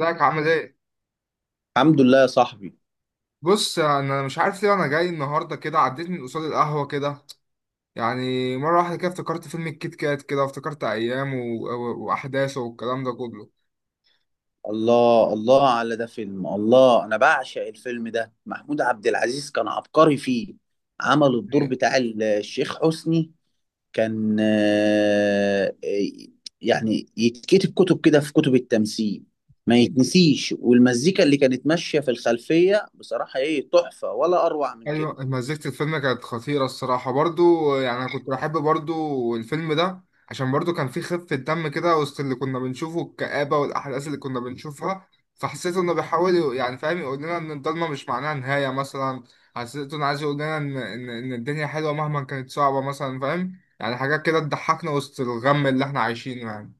ازيك عامل ايه؟ الحمد لله يا صاحبي. بص، انا مش عارف ليه انا جاي النهارده كده. عديت من قصاد القهوه كده، يعني مره واحده كده افتكرت فيلم الكيت كات كده، وافتكرت ايام واحداثه والكلام ده كله. الله الله على ده فيلم. الله انا بعشق الفيلم ده. محمود عبد العزيز كان عبقري فيه. عمل الدور بتاع الشيخ حسني. كان يعني يتكتب كتب كده في كتب التمثيل، ما يتنسيش. والمزيكا اللي كانت ماشية في الخلفية، بصراحة ايه تحفة؟ ولا اروع من كده. ايوه، مزيكة الفيلم كانت خطيرة الصراحة، برضو يعني انا كنت بحب برضو الفيلم ده، عشان برضو كان فيه خفة دم كده وسط اللي كنا بنشوفه الكآبة والاحداث اللي كنا بنشوفها. فحسيت انه بيحاول يعني فاهم، يقول لنا ان الضلمة مش معناها نهاية مثلا. حسيت انه عايز يقول لنا ان ان إن الدنيا حلوة مهما كانت صعبة مثلا، فاهم؟ يعني حاجات كده تضحكنا وسط الغم اللي احنا عايشينه يعني.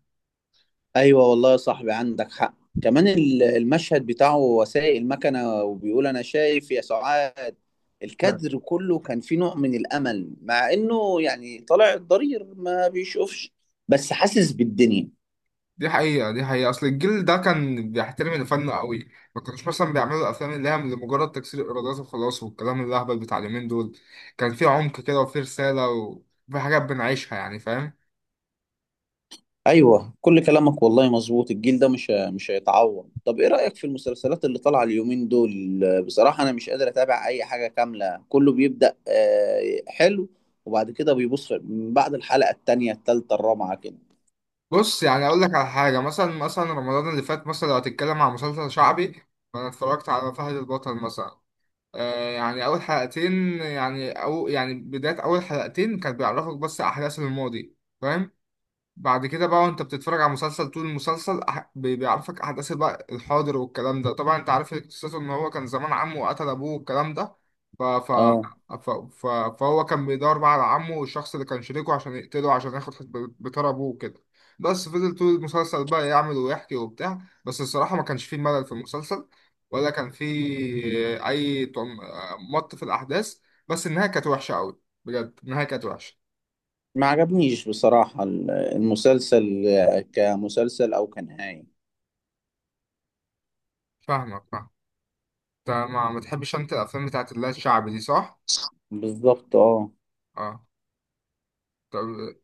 ايوه والله يا صاحبي، عندك حق. كمان المشهد بتاعه وهو سايق المكنه وبيقول انا شايف يا سعاد، الكادر كله كان فيه نوع من الامل، مع انه يعني طالع الضرير ما بيشوفش، بس حاسس بالدنيا. دي حقيقة، دي حقيقة. أصل الجيل ده كان بيحترم الفن قوي، ما كانوش مثلا بيعملوا الأفلام اللي هي لمجرد تكسير الإيرادات وخلاص والكلام الأهبل بتاع اليومين دول. كان في عمق كده، وفي رسالة، وفي حاجات بنعيشها يعني، فاهم؟ ايوه كل كلامك والله مظبوط، الجيل ده مش هيتعوض. طب ايه رايك في المسلسلات اللي طالعه اليومين دول؟ بصراحه انا مش قادر اتابع اي حاجه كامله، كله بيبدا حلو، وبعد كده بيبص من بعد الحلقه التانيه التالته الرابعه كده. بص يعني أقول لك على حاجة. مثلا مثلا رمضان اللي فات مثلا، لو هتتكلم عن مسلسل شعبي، فأنا اتفرجت على فهد البطل مثلا. آه يعني أول حلقتين، يعني أو يعني بداية أول حلقتين، كانت بيعرفك بس أحداث الماضي، فاهم؟ بعد كده بقى وانت بتتفرج على مسلسل، طول المسلسل بيعرفك احداث بقى الحاضر والكلام ده. طبعا انت عارف قصته ان هو كان زمان عمه وقتل ابوه والكلام ده. ف... ف... اه فهو كان بيدور بقى على عمه والشخص اللي كان شريكه عشان يقتله، عشان ياخد بتاع ابوه وكده. بس فضل طول المسلسل بقى يعمل ويحكي وبتاع، بس الصراحة ما كانش فيه ملل في المسلسل، ولا كان فيه اي مط في الاحداث. بس النهاية كانت وحشة قوي بجد، النهاية كانت وحشة. ما عجبنيش بصراحة المسلسل، كمسلسل أو كنهاية. فاهمك، فاهمك. انت ما تحبش انت الافلام بتاعت اللي هي الشعبي دي، صح؟ بالظبط اه. اه. طب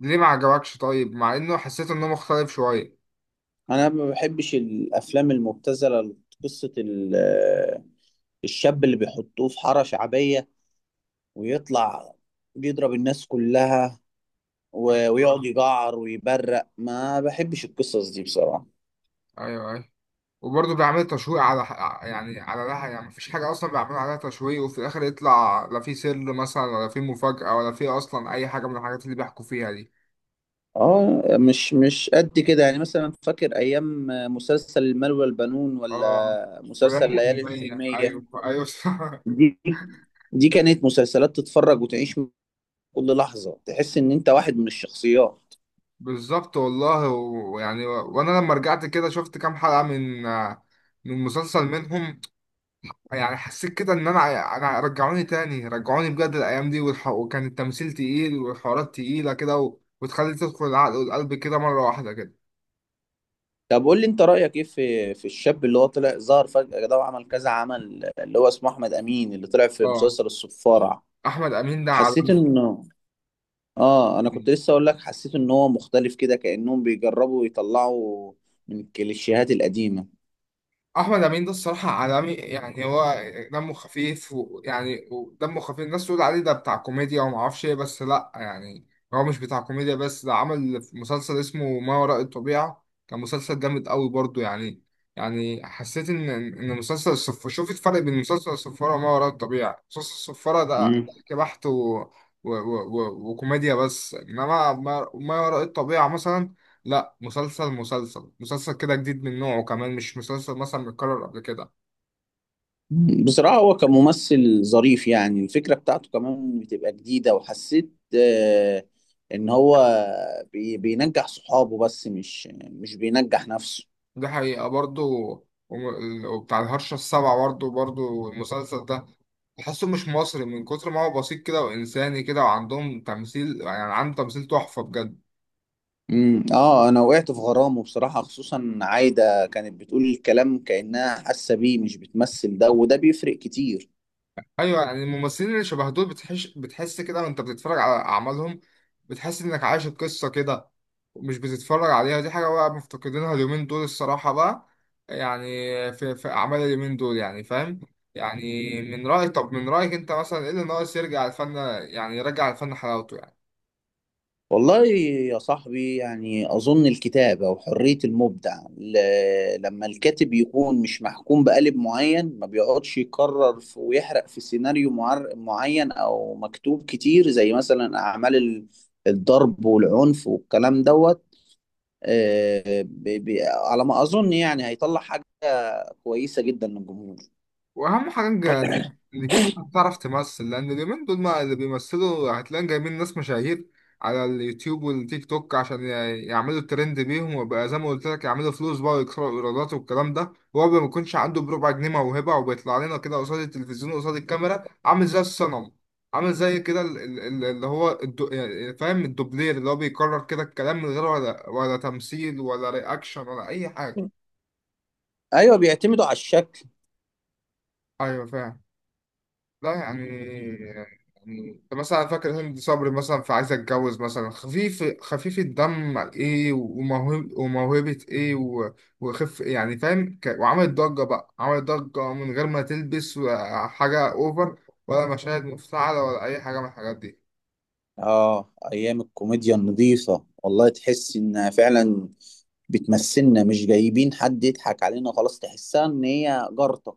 ليه ما عجبكش طيب، مع انه حسيت انه مختلف شويه؟ أنا ما بحبش الأفلام المبتذلة، قصة الشاب اللي بيحطوه في حارة شعبية ويطلع بيضرب الناس كلها ويقعد ايوه يجعر ويبرق. ما بحبش القصص دي بصراحة. ايوه ايوه. وبرضه بيعمل تشويق على، يعني على لها، يعني مفيش حاجه اصلا بيعملوا عليها تشويق، وفي الاخر يطلع لا في سر مثلا، ولا في مفاجاه، ولا في اصلا اي حاجه من الحاجات اللي بيحكوا فيها دي. اه مش قد كده. يعني مثلا فاكر أيام مسلسل المال والبنون، اه، ولا ولا مسلسل ليالي المية، الحلمية؟ ايوه ايوه دي دي كانت مسلسلات تتفرج وتعيش، كل لحظة تحس ان انت واحد من الشخصيات. بالظبط والله. ويعني وانا لما رجعت كده شفت كام حلقه من من مسلسل منهم، يعني حسيت كده ان انا رجعوني تاني، رجعوني بجد الايام دي وكان التمثيل تقيل والحوارات تقيله كده، وتخلي تدخل العقل والقلب كده مره واحده كده. طب قول لي انت رأيك ايه في الشاب اللي هو طلع ظهر فجأة ده وعمل كذا عمل، اللي هو اسمه احمد امين، اللي طلع في اه. مسلسل الصفارة. احمد امين ده حسيت عالمي. انه، اه انا كنت لسه اقول لك، حسيت ان هو مختلف كده، كأنهم بيجربوا يطلعوا من الكليشيهات القديمة. احمد امين ده الصراحه عالمي، يعني هو دمه خفيف، ويعني ودمه خفيف. الناس تقول عليه ده بتاع كوميديا وما اعرفش ايه، بس لا يعني، هو مش بتاع كوميديا بس. ده عمل مسلسل اسمه ما وراء الطبيعه، كان مسلسل جامد قوي برضو يعني. يعني حسيت ان مسلسل الصف شوف الفرق بين مسلسل الصفاره وما وراء الطبيعه. مسلسل الصفاره ده مم. ضحك بحت و... و... وكوميديا بس، انما ما وراء الطبيعه مثلا، لا، مسلسل كده جديد من نوعه، كمان مش مسلسل مثلا متكرر قبل كده. بصراحة هو كممثل ظريف، يعني الفكرة بتاعته كمان بتبقى جديدة. وحسيت إن هو بينجح صحابه بس مش بينجح نفسه. دي حقيقة برضو. وبتاع الهرشة السبعة برضو، برضو المسلسل ده تحسه مش مصري من كتر ما هو بسيط كده وإنساني كده، وعندهم تمثيل، يعني عنده تمثيل تحفة بجد. اه، انا وقعت في غرامه بصراحة. خصوصا عايدة كانت بتقول الكلام كأنها حاسة بيه، مش بتمثل، ده وده بيفرق كتير. ايوه يعني الممثلين اللي شبه دول بتحس كده وانت بتتفرج على اعمالهم، بتحس انك عايش القصه كده، مش بتتفرج عليها. دي حاجه بقى مفتقدينها اليومين دول الصراحه بقى، يعني في اعمال اليومين دول، يعني فاهم؟ يعني من رايك، طب من رايك انت مثلا ايه اللي ناقص يرجع الفن، يعني يرجع الفن حلاوته، يعني؟ والله يا صاحبي، يعني أظن الكتابة وحرية المبدع، لما الكاتب يكون مش محكوم بقالب معين، ما بيقعدش يكرر ويحرق في سيناريو معين أو مكتوب كتير، زي مثلا أعمال الضرب والعنف والكلام دوت، على ما أظن يعني هيطلع حاجة كويسة جدا للجمهور. واهم حاجه اللي جيب تعرف تمثل. لان اليومين دول ما اللي بيمثلوا، هتلاقي جايبين ناس مشاهير على اليوتيوب والتيك توك عشان يعملوا الترند بيهم، وبقى زي ما قلت لك يعملوا فلوس بقى ويكسروا الايرادات والكلام ده. هو ما بيكونش عنده بربع جنيه موهبه، وبيطلع لنا كده قصاد التلفزيون، قصاد الكاميرا، عامل زي الصنم، عامل زي كده اللي هو يعني فاهم، الدوبلير، اللي هو بيكرر كده الكلام من غير ولا تمثيل ولا رياكشن ولا اي حاجه. أيوه بيعتمدوا على الشكل. ايوه فاهم. لا يعني، يعني انت مثلا فاكر هند صبري مثلا في عايزة اتجوز مثلا؟ خفيف خفيف الدم ايه، وموهبة ايه، وخف يعني فاهم وعملت ضجة بقى، عملت ضجة من غير ما تلبس حاجة اوفر، ولا مشاهد مفتعلة، ولا اي حاجة من الحاجات دي. اه ايام الكوميديا النظيفة، والله تحس انها فعلا بتمثلنا، مش جايبين حد يضحك علينا، خلاص تحسها ان هي جارتة.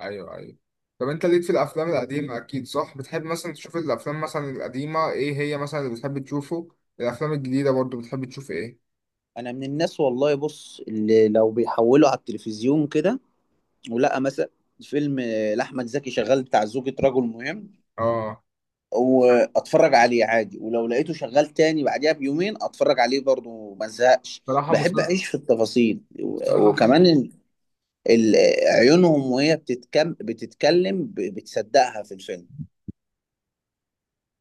ايوه ايوه. طب انت ليك في الافلام القديمة اكيد، صح؟ بتحب مثلا تشوف الافلام مثلا القديمة، ايه هي مثلا اللي بتحب تشوفه؟ الافلام الجديدة برضو، بتحب تشوف ايه؟ انا من الناس والله، بص، اللي لو بيحولوا على التلفزيون كده ولقى مثلا فيلم لاحمد زكي شغال بتاع زوجة رجل مهم، اه. واتفرج عليه عادي، ولو لقيته شغال تاني بعديها بيومين اتفرج عليه برضه ما ازهقش. صراحة بحب مسلسل. اعيش في التفاصيل، صراحة. وكمان ال- عيونهم وهي بتتكلم، بتصدقها في الفيلم.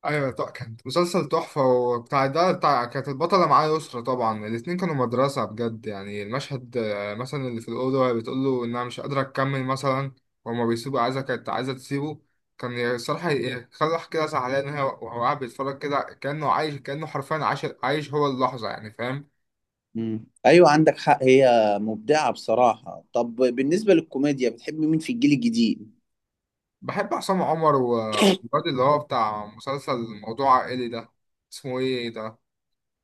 ايوه طبعا كانت مسلسل تحفه وبتاع ده بتاع، كانت البطله معاه يسرا. طبعا الاتنين كانوا مدرسه بجد، يعني المشهد مثلا اللي في الاوضه وهي بتقول له انها مش قادره تكمل مثلا، وهما بيسيبوا، عايزه كانت عايزه تسيبه. كان الصراحه يخلي واحد كده زعلان، وهو قاعد بيتفرج كده كانه عايش، كانه حرفيا عايش هو اللحظه، يعني فاهم؟ مم. ايوه عندك حق، هي مبدعه بصراحه. طب بالنسبه للكوميديا، بتحب مين في الجيل الجديد؟ بحب عصام عمر والواد اللي هو بتاع مسلسل موضوع عائلي ده، اسمه ايه ده؟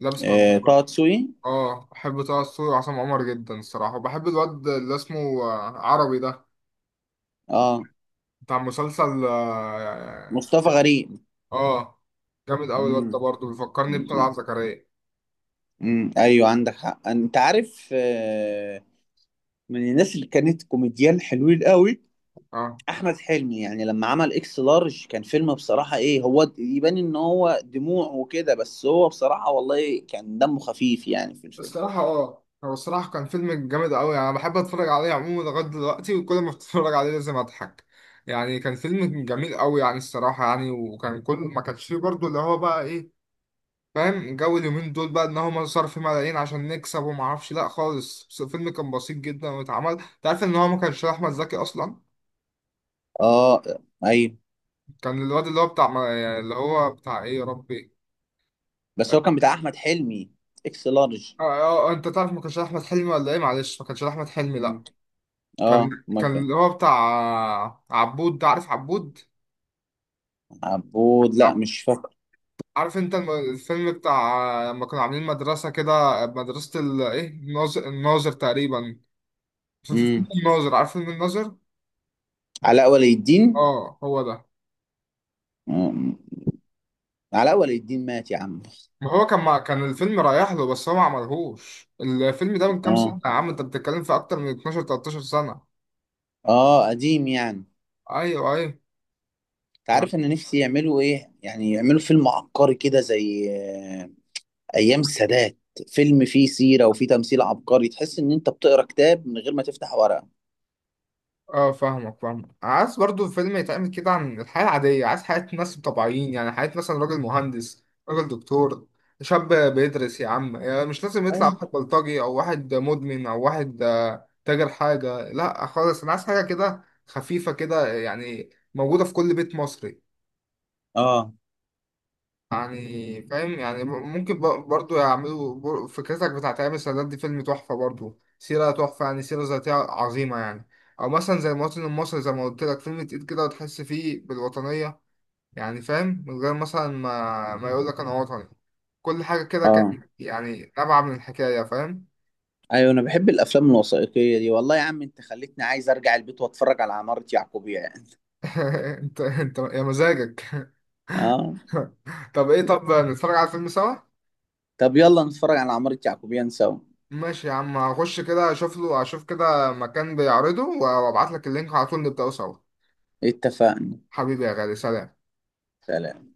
لابس طه مجنون. دسوقي. اه بحب طه دسوقي وعصام عمر جدا الصراحة. وبحب الواد اللي اسمه عربي ده، اه بتاع مسلسل اه. مصطفى غريب. آه، آه، جامد أوي الواد ده مم. برضه، بيفكرني مم. بطلعت زكريا. ايوه عندك حق. انت عارف من الناس اللي كانت كوميديان حلوين قوي، اه. احمد حلمي. يعني لما عمل اكس لارج كان فيلم بصراحه ايه. هو يبان ان هو دموع وكده، بس هو بصراحه والله كان دمه خفيف يعني في الفيلم. الصراحة اه، هو الصراحة كان فيلم جامد أوي يعني. أنا بحب أتفرج عليه عموما لغاية دلوقتي، وكل ما أتفرج عليه لازم أضحك. يعني كان فيلم جميل أوي يعني الصراحة يعني. وكان كل ما كانش فيه برضه اللي هو بقى إيه، فاهم جو اليومين دول بقى، ان هم صرفوا ملايين عشان نكسب وما اعرفش، لا خالص. بس الفيلم كان بسيط جدا، واتعمل. انت عارف ان هو ما كانش احمد زكي اصلا، اه ايوه. كان الواد اللي هو بتاع يعني اللي هو بتاع ايه يا ربي. بس هو اه. كان بتاع احمد حلمي، اكس لارج. اه انت تعرف ما كانش احمد حلمي ولا ايه؟ معلش، ما كانش احمد حلمي لا. مم. اه كان ما كان كان. اللي هو بتاع عبود ده، عارف عبود؟ عبود لا عب... مش فاكر. عارف انت الفيلم بتاع لما كانوا عاملين مدرسة كده، مدرسة ايه الناظر تقريبا، في فيلم امم، الناظر، عارف فيلم الناظر؟ علاء ولي الدين. اه هو ده. مم. علاء ولي الدين مات يا عم. ما هو كان كان الفيلم رايح له، بس هو ما عملهوش. الفيلم ده من كام سنة اه. يا عم، انت بتتكلم في اكتر من 12 13 سنة. اه قديم يعني. انت ايوه ايوه يعني. عارف ان نفسي يعملوا ايه؟ يعني يعملوا فيلم عبقري كده، زي ايام السادات، فيلم فيه سيره وفيه تمثيل عبقري، تحس ان انت بتقرا كتاب من غير ما تفتح ورقه. اه، فاهمك فاهمك. عايز برضو فيلم يتعمل كده عن الحياة العادية، عايز حياة ناس طبيعيين، يعني حياة مثلا راجل مهندس، راجل دكتور، شاب بيدرس يا عم. يعني مش لازم يطلع أيوة. واحد بلطجي، او واحد مدمن، او واحد تاجر حاجة. لا خالص، انا عايز حاجة كده خفيفة كده، يعني موجودة في كل بيت مصري، اه يعني فاهم؟ يعني ممكن برضو يعملوا فكرتك بتاعت ايام السادات دي فيلم تحفة برضو، سيرة تحفة يعني، سيرة ذاتية عظيمة يعني. او مثلا زي المواطن المصري زي ما قلت لك، فيلم تقيل كده وتحس فيه بالوطنية، يعني فاهم؟ من غير مثلا ما يقول لك انا وطني. كل حاجة كده اه. كان يعني نابعة من الحكاية، فاهم؟ ايوه انا بحب الافلام الوثائقيه دي. والله يا عم انت خليتني عايز ارجع البيت واتفرج على عماره يعقوبيان. انت يا مزاجك اه طب ايه، طب نتفرج على الفيلم سوا؟ طب يلا نتفرج على عماره يعقوبيان سوا. ماشي يا عم، هخش كده اشوف له، اشوف كده مكان بيعرضه وابعت لك اللينك على طول، نبدأه سوا. اتفقنا. حبيبي يا غالي، سلام. سلام.